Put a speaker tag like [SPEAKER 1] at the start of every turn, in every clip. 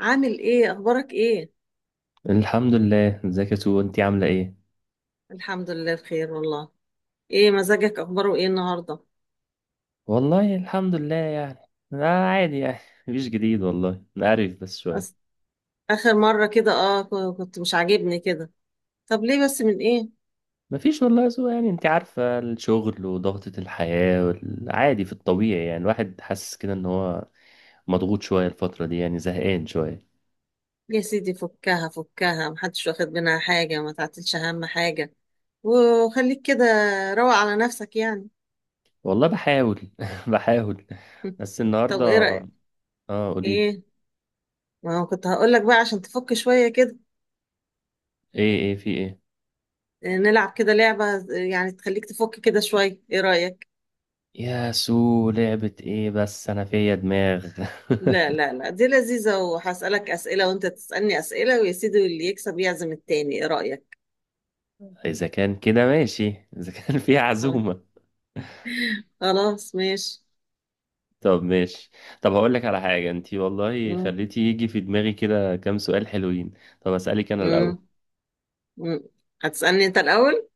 [SPEAKER 1] عامل ايه؟ اخبارك ايه؟
[SPEAKER 2] الحمد لله، ازيك يا سو؟ انتي عاملة ايه؟
[SPEAKER 1] الحمد لله بخير والله. ايه مزاجك؟ اخباره ايه النهارده؟
[SPEAKER 2] والله الحمد لله يعني. لا عادي يعني. مفيش جديد والله عارف، بس شوية.
[SPEAKER 1] أس... اخر مره كده كنت مش عاجبني كده. طب ليه بس؟ من ايه؟
[SPEAKER 2] مفيش والله يا سو، يعني انتي عارفة الشغل وضغطة الحياة والعادي في الطبيعي، يعني الواحد حاسس كده ان هو مضغوط شوية الفترة دي، يعني زهقان شوية.
[SPEAKER 1] يا سيدي فكها فكها، محدش واخد منها حاجه، ما تعتلش اهم حاجه. وخليك كده. روق على نفسك يعني.
[SPEAKER 2] والله بحاول بحاول. بس النهاردة
[SPEAKER 1] طب ايه رايك؟
[SPEAKER 2] اه قوليلي.
[SPEAKER 1] ايه؟ ما هو كنت هقول لك بقى عشان تفك شويه كده.
[SPEAKER 2] ايه ايه في ايه؟
[SPEAKER 1] نلعب كده لعبه، يعني تخليك تفك كده شويه، ايه رايك؟
[SPEAKER 2] يا سو لعبة ايه بس انا فيا دماغ
[SPEAKER 1] لا لا لا، دي لذيذة، وهسألك أسئلة وأنت تسألني أسئلة، ويا سيدي اللي يكسب يعزم التاني، إيه رأيك؟
[SPEAKER 2] اذا كان كده ماشي، اذا كان فيها
[SPEAKER 1] طيب.
[SPEAKER 2] عزومة.
[SPEAKER 1] خلاص ماشي.
[SPEAKER 2] طب ماشي. طب هقول لك على حاجة، انتي والله
[SPEAKER 1] مم.
[SPEAKER 2] خليتي يجي في دماغي كده كام سؤال حلوين. طب هسألك انا الأول.
[SPEAKER 1] مم. مم. هتسألني أنت الأول؟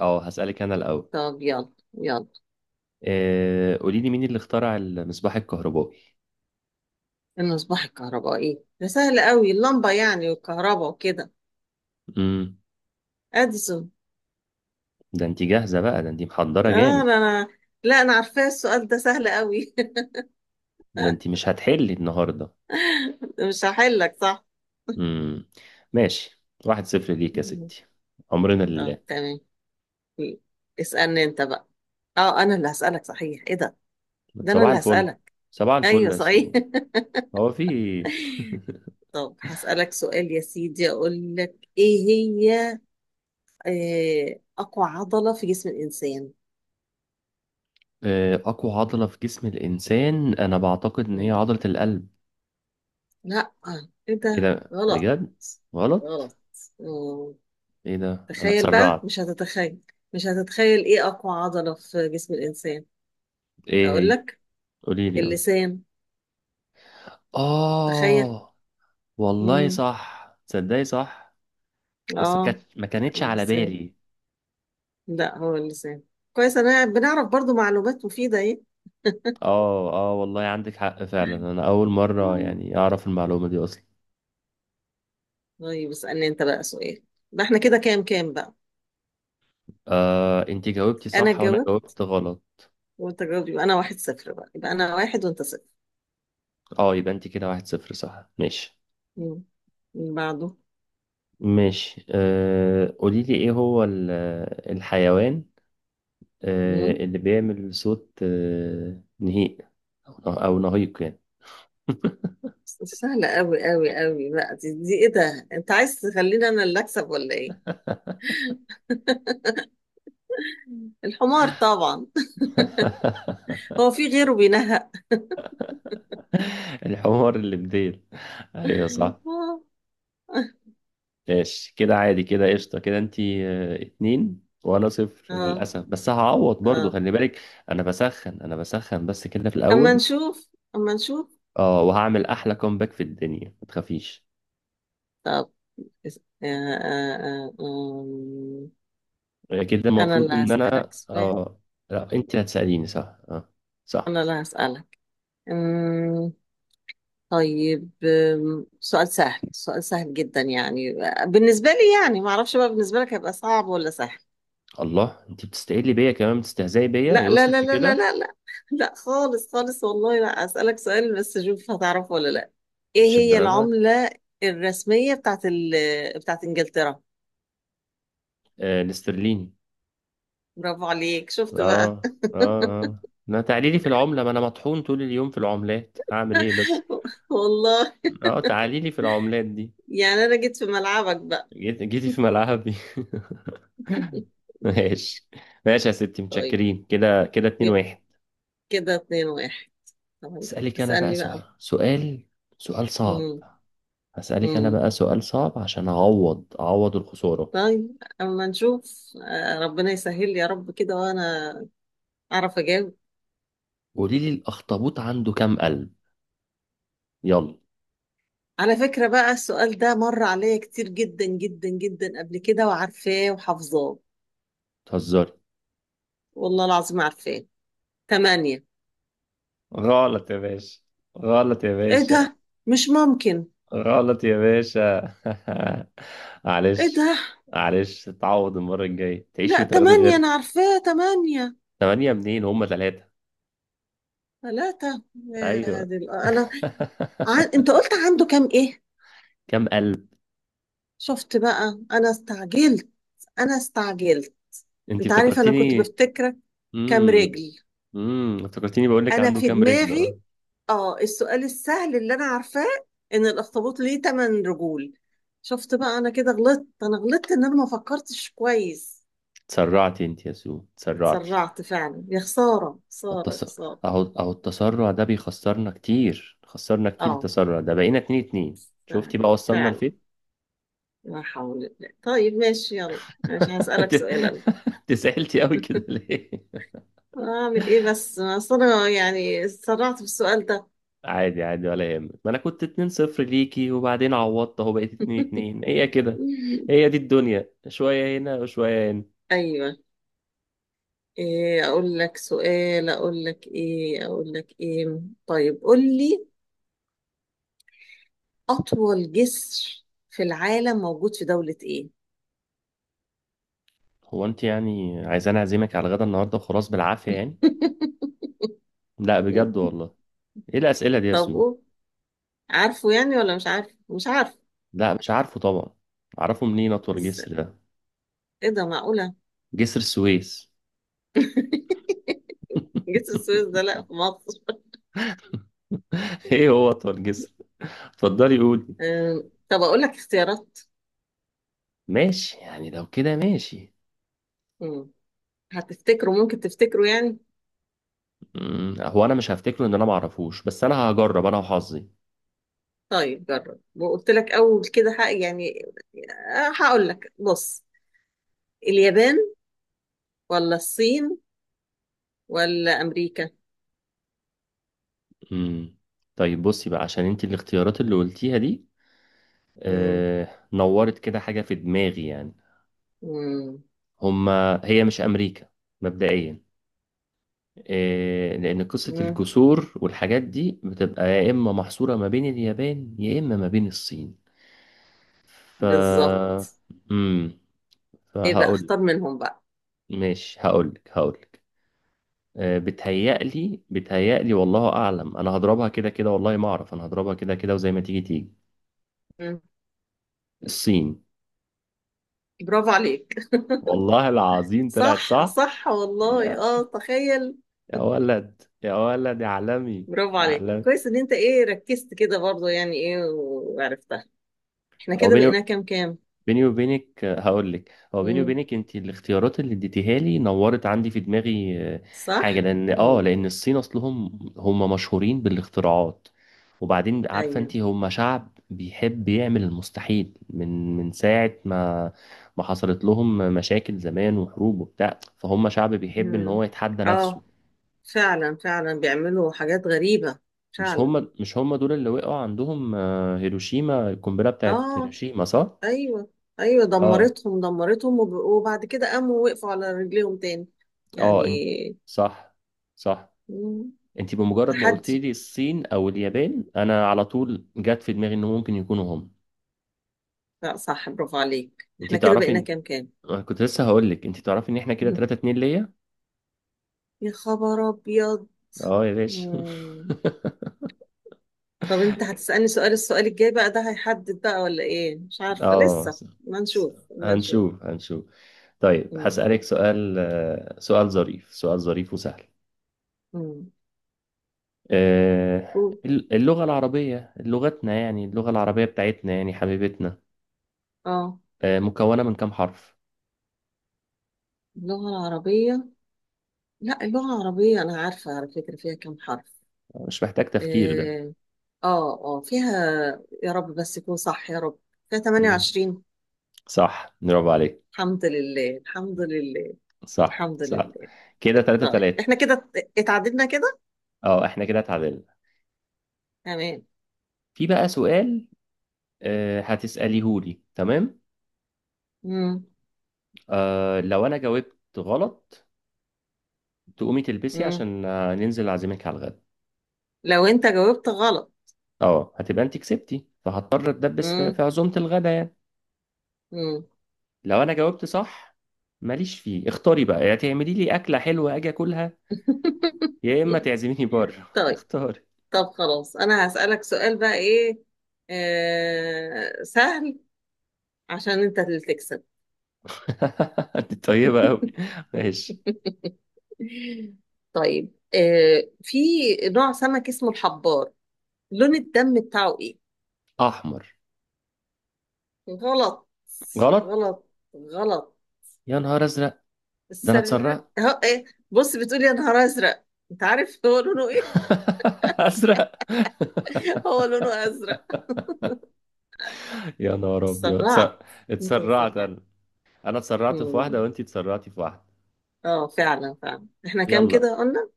[SPEAKER 2] اه هسألك انا الأول.
[SPEAKER 1] طب يلا يلا.
[SPEAKER 2] قولي لي مين اللي اخترع المصباح الكهربائي؟
[SPEAKER 1] المصباح الكهربائي ده سهل قوي، اللمبة يعني والكهرباء وكده.
[SPEAKER 2] امم.
[SPEAKER 1] أديسون.
[SPEAKER 2] ده انتي جاهزة بقى، ده انتي
[SPEAKER 1] آه.
[SPEAKER 2] محضرة جامد.
[SPEAKER 1] أنا. لا أنا عارفاه، السؤال ده سهل قوي.
[SPEAKER 2] ده انتي مش هتحلي النهاردة.
[SPEAKER 1] مش هحلك صح؟
[SPEAKER 2] امم. ماشي، واحد صفر ليك يا
[SPEAKER 1] مم.
[SPEAKER 2] ستي. عمرنا
[SPEAKER 1] طب
[SPEAKER 2] لله.
[SPEAKER 1] تمام. اسألني أنت بقى. اه انا اللي هسألك، صحيح ايه ده، ده انا
[SPEAKER 2] صباح
[SPEAKER 1] اللي
[SPEAKER 2] الفل،
[SPEAKER 1] هسألك.
[SPEAKER 2] صباح الفل
[SPEAKER 1] ايوه
[SPEAKER 2] يا
[SPEAKER 1] صحيح.
[SPEAKER 2] سو. هو في إيه؟
[SPEAKER 1] طب هسألك سؤال يا سيدي، أقول لك إيه هي أقوى عضلة في جسم الإنسان؟
[SPEAKER 2] أقوى عضلة في جسم الإنسان أنا بعتقد إن هي
[SPEAKER 1] مم.
[SPEAKER 2] عضلة القلب.
[SPEAKER 1] لا. إيه
[SPEAKER 2] ايه
[SPEAKER 1] ده،
[SPEAKER 2] ده
[SPEAKER 1] غلط.
[SPEAKER 2] بجد؟ غلط.
[SPEAKER 1] غلط. مم.
[SPEAKER 2] ايه ده انا
[SPEAKER 1] تخيل بقى،
[SPEAKER 2] اتسرعت.
[SPEAKER 1] مش هتتخيل. مش هتتخيل إيه أقوى عضلة في جسم الإنسان.
[SPEAKER 2] ايه
[SPEAKER 1] أقول
[SPEAKER 2] هي؟
[SPEAKER 1] لك.
[SPEAKER 2] قولي لي اه.
[SPEAKER 1] اللسان. تخيل.
[SPEAKER 2] آه، والله
[SPEAKER 1] مم.
[SPEAKER 2] صح، تصدقي صح، بس
[SPEAKER 1] آه،
[SPEAKER 2] ما كانتش على
[SPEAKER 1] اللسان.
[SPEAKER 2] بالي.
[SPEAKER 1] لا هو اللسان. كويس، أنا بنعرف برضو معلومات مفيدة، إيه.
[SPEAKER 2] اه اه والله عندك حق فعلا، انا اول مره
[SPEAKER 1] مم.
[SPEAKER 2] يعني اعرف المعلومه دي اصلا.
[SPEAKER 1] طيب اسألني أنت بقى سؤال. ده إحنا كده كام كام بقى؟
[SPEAKER 2] آه انت جاوبتي
[SPEAKER 1] أنا
[SPEAKER 2] صح وانا
[SPEAKER 1] اتجاوبت
[SPEAKER 2] جاوبت غلط.
[SPEAKER 1] وانت جاوب، يبقى انا واحد صفر، بقى يبقى انا واحد وانت صفر.
[SPEAKER 2] اه يبقى انت كده واحد صفر صح، ماشي.
[SPEAKER 1] مم. من بعده.
[SPEAKER 2] ماشي قولي لي ايه هو الحيوان
[SPEAKER 1] مم.
[SPEAKER 2] اللي بيعمل صوت نهيق، أو نهيق يعني.
[SPEAKER 1] بس سهلة قوي قوي قوي بقى، دي ايه ده، انت عايز تخليني انا اللي اكسب ولا ايه؟ الحمار طبعا. هو في غيره بينهق؟
[SPEAKER 2] الحمار اللي بديل. أيوة صح.
[SPEAKER 1] اه.
[SPEAKER 2] ماشي كده، عادي كده، قشطة كده، أنتي اتنين وأنا صفر
[SPEAKER 1] اه
[SPEAKER 2] للأسف، بس هعوض برضو
[SPEAKER 1] اه.
[SPEAKER 2] خلي بالك. أنا بسخن أنا بسخن بس كده في
[SPEAKER 1] اما
[SPEAKER 2] الأول.
[SPEAKER 1] نشوف اما نشوف.
[SPEAKER 2] أه وهعمل أحلى كومباك في الدنيا ما تخافيش.
[SPEAKER 1] طب آه آه آه آم،
[SPEAKER 2] كده
[SPEAKER 1] انا
[SPEAKER 2] المفروض
[SPEAKER 1] اللي
[SPEAKER 2] إن
[SPEAKER 1] هسألك
[SPEAKER 2] أنا
[SPEAKER 1] سؤال.
[SPEAKER 2] أه. لا أنتي هتسأليني صح أه. صح.
[SPEAKER 1] انا اللي هسألك. طيب سؤال سهل، سؤال سهل جدا يعني بالنسبة لي، يعني ما اعرفش بقى بالنسبة لك هيبقى صعب ولا سهل.
[SPEAKER 2] الله، انت بتستقلي بيا كمان، بتستهزئي بيا، هي
[SPEAKER 1] لا لا لا
[SPEAKER 2] وصلت
[SPEAKER 1] لا لا
[SPEAKER 2] لكده؟
[SPEAKER 1] لا لا. لا خالص خالص والله، لا أسألك سؤال بس، شوف هتعرفه ولا لا. ايه
[SPEAKER 2] مش
[SPEAKER 1] هي
[SPEAKER 2] الدرجه دي.
[SPEAKER 1] العملة الرسمية بتاعت بتاعت انجلترا؟
[SPEAKER 2] آه الاسترليني.
[SPEAKER 1] برافو عليك، شفت بقى.
[SPEAKER 2] اه اه. اه ما تعالي لي في العمله، ما انا مطحون طول اليوم في العملات، هعمل ايه بس.
[SPEAKER 1] والله.
[SPEAKER 2] اه تعالي لي في العملات دي.
[SPEAKER 1] يعني انا جيت في ملعبك بقى.
[SPEAKER 2] جيت جيتي في ملعبي ماشي. ماشي يا ستي،
[SPEAKER 1] طيب،
[SPEAKER 2] متشكرين، كده كده اتنين
[SPEAKER 1] يبقى
[SPEAKER 2] واحد.
[SPEAKER 1] كده اتنين واحد. طيب
[SPEAKER 2] اسألك انا بقى
[SPEAKER 1] اسألني بقى.
[SPEAKER 2] سؤال صعب. هسألك انا بقى
[SPEAKER 1] امم.
[SPEAKER 2] سؤال صعب عشان اعوض الخسارة.
[SPEAKER 1] طيب اما نشوف، ربنا يسهل يا رب كده، وانا اعرف اجاوب.
[SPEAKER 2] قولي لي الاخطبوط عنده كام قلب؟ يلا.
[SPEAKER 1] على فكرة بقى، السؤال ده مر عليا كتير جدا جدا جدا قبل كده، وعارفاه وحافظاه،
[SPEAKER 2] تهزري؟
[SPEAKER 1] والله العظيم عارفاه. تمانية.
[SPEAKER 2] غلط يا باشا، غلط يا
[SPEAKER 1] ايه
[SPEAKER 2] باشا،
[SPEAKER 1] ده؟ مش ممكن.
[SPEAKER 2] غلط يا باشا
[SPEAKER 1] ايه
[SPEAKER 2] معلش،
[SPEAKER 1] ده؟
[SPEAKER 2] معلش تعوض المرة الجاية، تعيش
[SPEAKER 1] لا
[SPEAKER 2] وتاخدي
[SPEAKER 1] تمانية،
[SPEAKER 2] غير.
[SPEAKER 1] انا عارفاه تمانية.
[SPEAKER 2] ثمانية منين؟ هما ثلاثة.
[SPEAKER 1] ثلاثة؟ يا
[SPEAKER 2] أيوة
[SPEAKER 1] دي انا انت قلت عنده كام ايه؟
[SPEAKER 2] كم قلب؟
[SPEAKER 1] شفت بقى، انا استعجلت. انا استعجلت.
[SPEAKER 2] أنت
[SPEAKER 1] انت عارف انا كنت
[SPEAKER 2] افتكرتيني.
[SPEAKER 1] بفتكرك. كام
[SPEAKER 2] امم.
[SPEAKER 1] رجل.
[SPEAKER 2] افتكرتيني بقول لك
[SPEAKER 1] انا
[SPEAKER 2] عنده
[SPEAKER 1] في
[SPEAKER 2] كام رجل أه.
[SPEAKER 1] دماغي اه السؤال السهل اللي انا عارفاه، ان الاخطبوط ليه تمن رجول. شفت بقى، انا كده غلطت، انا غلطت ان انا ما فكرتش كويس.
[SPEAKER 2] تسرعتي أنت يا سو، تسرعتي.
[SPEAKER 1] اتسرعت فعلا، يا خسارة خسارة
[SPEAKER 2] والتص...
[SPEAKER 1] خسارة.
[SPEAKER 2] أهو أهو التسرع ده بيخسرنا كتير، خسرنا كتير
[SPEAKER 1] اه
[SPEAKER 2] التسرع ده، بقينا اتنين اتنين،
[SPEAKER 1] فعلا
[SPEAKER 2] شفتي بقى وصلنا
[SPEAKER 1] فعلا.
[SPEAKER 2] لفين.
[SPEAKER 1] لا حول الله. طيب ماشي يلا. ماشي هسألك
[SPEAKER 2] انت
[SPEAKER 1] سؤال انا.
[SPEAKER 2] انت زعلتي قوي كده ليه؟
[SPEAKER 1] اعمل ايه بس، اصل انا يعني اتسرعت في السؤال ده.
[SPEAKER 2] عادي عادي ولا يهمك، ما انا كنت 2-0 ليكي وبعدين عوضت اهو بقيت 2-2، هي كده. هي دي الدنيا، شوية هنا وشوية هنا.
[SPEAKER 1] ايوه. ايه اقول لك سؤال، اقول لك ايه، اقول لك ايه. طيب قول لي، أطول جسر في العالم موجود في دولة إيه؟
[SPEAKER 2] هو انت يعني عايزاني اعزمك على الغدا النهارده وخلاص بالعافية يعني؟ لا بجد والله، ايه الأسئلة دي يا
[SPEAKER 1] طب
[SPEAKER 2] سو؟
[SPEAKER 1] قول، عارفه يعني ولا مش عارف؟ مش عارف.
[SPEAKER 2] لا مش عارفه طبعا، اعرفه منين اطول
[SPEAKER 1] إز-
[SPEAKER 2] جسر ده؟
[SPEAKER 1] إيه ده، معقولة؟
[SPEAKER 2] جسر السويس
[SPEAKER 1] جسر السويس ده؟ لأ، في مصر.
[SPEAKER 2] ايه هو اطول جسر؟ اتفضلي قولي.
[SPEAKER 1] طب أقول لك اختيارات.
[SPEAKER 2] ماشي يعني لو كده ماشي.
[SPEAKER 1] مم. هتفتكره؟ ممكن تفتكره يعني؟
[SPEAKER 2] مم، هو انا مش هفتكره ان انا معرفوش، بس انا هجرب انا وحظي.
[SPEAKER 1] طيب جرب، وقلت لك أول كده حق يعني، هقول لك بص، اليابان ولا الصين ولا أمريكا؟
[SPEAKER 2] مم. طيب بصي بقى، عشان انت الاختيارات اللي قلتيها دي
[SPEAKER 1] مم.
[SPEAKER 2] نورت كده حاجة في دماغي يعني.
[SPEAKER 1] مم.
[SPEAKER 2] هما هي مش امريكا مبدئيا، آه لان قصة
[SPEAKER 1] مم.
[SPEAKER 2] الجسور والحاجات دي بتبقى يا اما محصورة ما بين اليابان يا اما ما بين الصين. ف
[SPEAKER 1] بالظبط.
[SPEAKER 2] مم.
[SPEAKER 1] إيه بقى،
[SPEAKER 2] فهقول
[SPEAKER 1] اختار منهم.
[SPEAKER 2] ماشي، هقولك. بتهيألي والله أعلم، أنا هضربها كده كده، والله ما أعرف، أنا هضربها كده كده وزي ما تيجي تيجي.
[SPEAKER 1] بقى
[SPEAKER 2] الصين.
[SPEAKER 1] برافو عليك.
[SPEAKER 2] والله العظيم طلعت
[SPEAKER 1] صح
[SPEAKER 2] صح.
[SPEAKER 1] صح والله،
[SPEAKER 2] يا
[SPEAKER 1] تخيل.
[SPEAKER 2] يا ولد، يا ولد يا عالمي.
[SPEAKER 1] برافو
[SPEAKER 2] يا
[SPEAKER 1] عليك،
[SPEAKER 2] عالمي.
[SPEAKER 1] كويس ان انت ايه ركزت كده برضه يعني، ايه وعرفتها. احنا
[SPEAKER 2] هو
[SPEAKER 1] كده
[SPEAKER 2] بيني
[SPEAKER 1] بقينا كام كام؟
[SPEAKER 2] بيني وبينك هقول لك هو بيني
[SPEAKER 1] امم.
[SPEAKER 2] وبينك، انت الاختيارات اللي اديتيها لي نورت عندي في دماغي حاجه
[SPEAKER 1] صح.
[SPEAKER 2] لان اه
[SPEAKER 1] امم.
[SPEAKER 2] لان الصين اصلهم هم مشهورين بالاختراعات. وبعدين عارفه
[SPEAKER 1] ايوه.
[SPEAKER 2] انت هم شعب بيحب يعمل المستحيل من ساعه ما حصلت لهم مشاكل زمان وحروب وبتاع، فهم شعب بيحب ان
[SPEAKER 1] امم.
[SPEAKER 2] هو يتحدى نفسه.
[SPEAKER 1] اه فعلا فعلا، بيعملوا حاجات غريبة. فعلا.
[SPEAKER 2] مش هم دول اللي وقعوا عندهم هيروشيما، القنبله بتاعت
[SPEAKER 1] اه.
[SPEAKER 2] هيروشيما صح؟
[SPEAKER 1] ايوه. ايوه
[SPEAKER 2] اه
[SPEAKER 1] دمرتهم دمرتهم، وبعد كده قاموا، وقفوا على رجليهم تاني يعني.
[SPEAKER 2] اه. انت صح صح.
[SPEAKER 1] مم.
[SPEAKER 2] انت بمجرد ما قلت
[SPEAKER 1] تحدي.
[SPEAKER 2] لي الصين او اليابان انا على طول جت في دماغي انه ممكن يكونوا هم.
[SPEAKER 1] لا صح، برافو عليك.
[SPEAKER 2] انت
[SPEAKER 1] احنا كده
[SPEAKER 2] تعرفي
[SPEAKER 1] بقينا
[SPEAKER 2] إن-
[SPEAKER 1] كام كام؟
[SPEAKER 2] أنا كنت لسه هقول لك انت تعرفي ان احنا كده 3 2 ليا.
[SPEAKER 1] يا خبر ابيض.
[SPEAKER 2] اه يا باشا
[SPEAKER 1] مم. طب انت هتسألني سؤال، السؤال الجاي بقى ده هيحدد بقى ولا ايه، مش عارفة
[SPEAKER 2] اه
[SPEAKER 1] لسه،
[SPEAKER 2] س-
[SPEAKER 1] ما
[SPEAKER 2] س-
[SPEAKER 1] نشوف ما نشوف.
[SPEAKER 2] هنشوف هنشوف. طيب
[SPEAKER 1] مم.
[SPEAKER 2] هسألك سؤال سؤال ظريف وسهل.
[SPEAKER 1] مم. قول.
[SPEAKER 2] اللغة العربية لغتنا يعني، اللغة العربية بتاعتنا يعني حبيبتنا.
[SPEAKER 1] اه.
[SPEAKER 2] مكونة من كام حرف؟
[SPEAKER 1] اللغة العربية. لا، اللغة العربية انا عارفة على فكرة فيها كم حرف.
[SPEAKER 2] مش محتاج تفكير ده.
[SPEAKER 1] اه فيها، يا رب بس يكون صح يا رب، فيها
[SPEAKER 2] مم.
[SPEAKER 1] 28.
[SPEAKER 2] صح برافو عليك،
[SPEAKER 1] الحمد لله الحمد لله.
[SPEAKER 2] صح
[SPEAKER 1] الحمد
[SPEAKER 2] صح.
[SPEAKER 1] لله.
[SPEAKER 2] كده تلاتة
[SPEAKER 1] طيب
[SPEAKER 2] تلاتة.
[SPEAKER 1] احنا كده اتعددنا كده.
[SPEAKER 2] اه احنا كده اتعادلنا.
[SPEAKER 1] تمام.
[SPEAKER 2] في بقى سؤال هتسأليهولي تمام.
[SPEAKER 1] مم.
[SPEAKER 2] لو انا جاوبت غلط، تقومي تلبسي
[SPEAKER 1] مم.
[SPEAKER 2] عشان ننزل اعزمك على الغدا.
[SPEAKER 1] لو انت جاوبت غلط.
[SPEAKER 2] اه هتبقى انت كسبتي، فهضطر اتدبس في
[SPEAKER 1] مم.
[SPEAKER 2] عزومة الغدا يعني.
[SPEAKER 1] مم.
[SPEAKER 2] لو انا جاوبت صح ماليش فيه، اختاري بقى، يا تعملي لي اكلة حلوة اجي اكلها، يا اما تعزميني بره
[SPEAKER 1] طيب.
[SPEAKER 2] اختاري.
[SPEAKER 1] طب خلاص انا هسألك سؤال بقى ايه، آه سهل، عشان انت اللي تكسب.
[SPEAKER 2] انت طيبة قوي. ماشي.
[SPEAKER 1] طيب في نوع سمك اسمه الحبار، لون الدم بتاعه ايه؟
[SPEAKER 2] احمر.
[SPEAKER 1] غلط.
[SPEAKER 2] غلط.
[SPEAKER 1] غلط. غلط.
[SPEAKER 2] يا نهار ازرق. ده انا
[SPEAKER 1] السر
[SPEAKER 2] اتسرعت.
[SPEAKER 1] هو ايه؟ بص بتقولي يا نهار ازرق، انت عارف هو لونه ايه؟
[SPEAKER 2] ازرق.
[SPEAKER 1] هو لونه ازرق.
[SPEAKER 2] يا نهار ابيض
[SPEAKER 1] اتسرعت. انت
[SPEAKER 2] اتسرعت
[SPEAKER 1] اتسرعت.
[SPEAKER 2] انا. انا اتسرعت في واحده وانتي اتسرعتي في واحده.
[SPEAKER 1] اه فعلا فعلا، احنا كام
[SPEAKER 2] يلا.
[SPEAKER 1] كده قلنا؟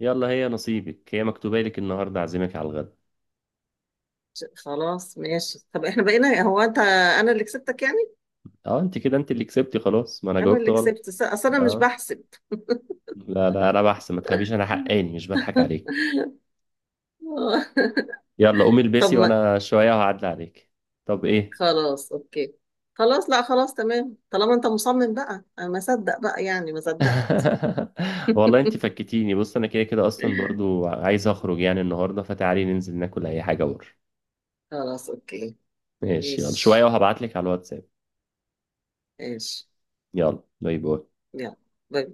[SPEAKER 2] يلا هي نصيبك، هي مكتوبه لك النهارده اعزمك على الغدا.
[SPEAKER 1] خلاص ماشي. طب احنا بقينا، هو انت انا اللي كسبتك يعني؟
[SPEAKER 2] اه انت كده، انت اللي كسبتي خلاص، ما انا
[SPEAKER 1] انا
[SPEAKER 2] جاوبت
[SPEAKER 1] اللي كسبت
[SPEAKER 2] غلط.
[SPEAKER 1] اصل انا مش
[SPEAKER 2] اه.
[SPEAKER 1] بحسب.
[SPEAKER 2] لا لا انا بحسن ما تخافيش، انا حقاني مش بضحك عليك.
[SPEAKER 1] آه.
[SPEAKER 2] يلا قومي
[SPEAKER 1] طب
[SPEAKER 2] البسي
[SPEAKER 1] ما
[SPEAKER 2] وانا شويه وهعدي عليك. طب ايه.
[SPEAKER 1] خلاص اوكي. خلاص، لا خلاص تمام، طالما انت مصمم بقى انا ما اصدق بقى يعني، ما اصدق.
[SPEAKER 2] والله انت فكتيني، بص انا كده كده اصلا برضو عايز اخرج يعني النهارده، فتعالي ننزل ناكل اي حاجه بره.
[SPEAKER 1] خلاص اوكي.
[SPEAKER 2] ماشي يلا، شوية
[SPEAKER 1] ماشي.
[SPEAKER 2] وهبعتلك على الواتساب.
[SPEAKER 1] ماشي.
[SPEAKER 2] يلا باي باي.
[SPEAKER 1] يلا. باي.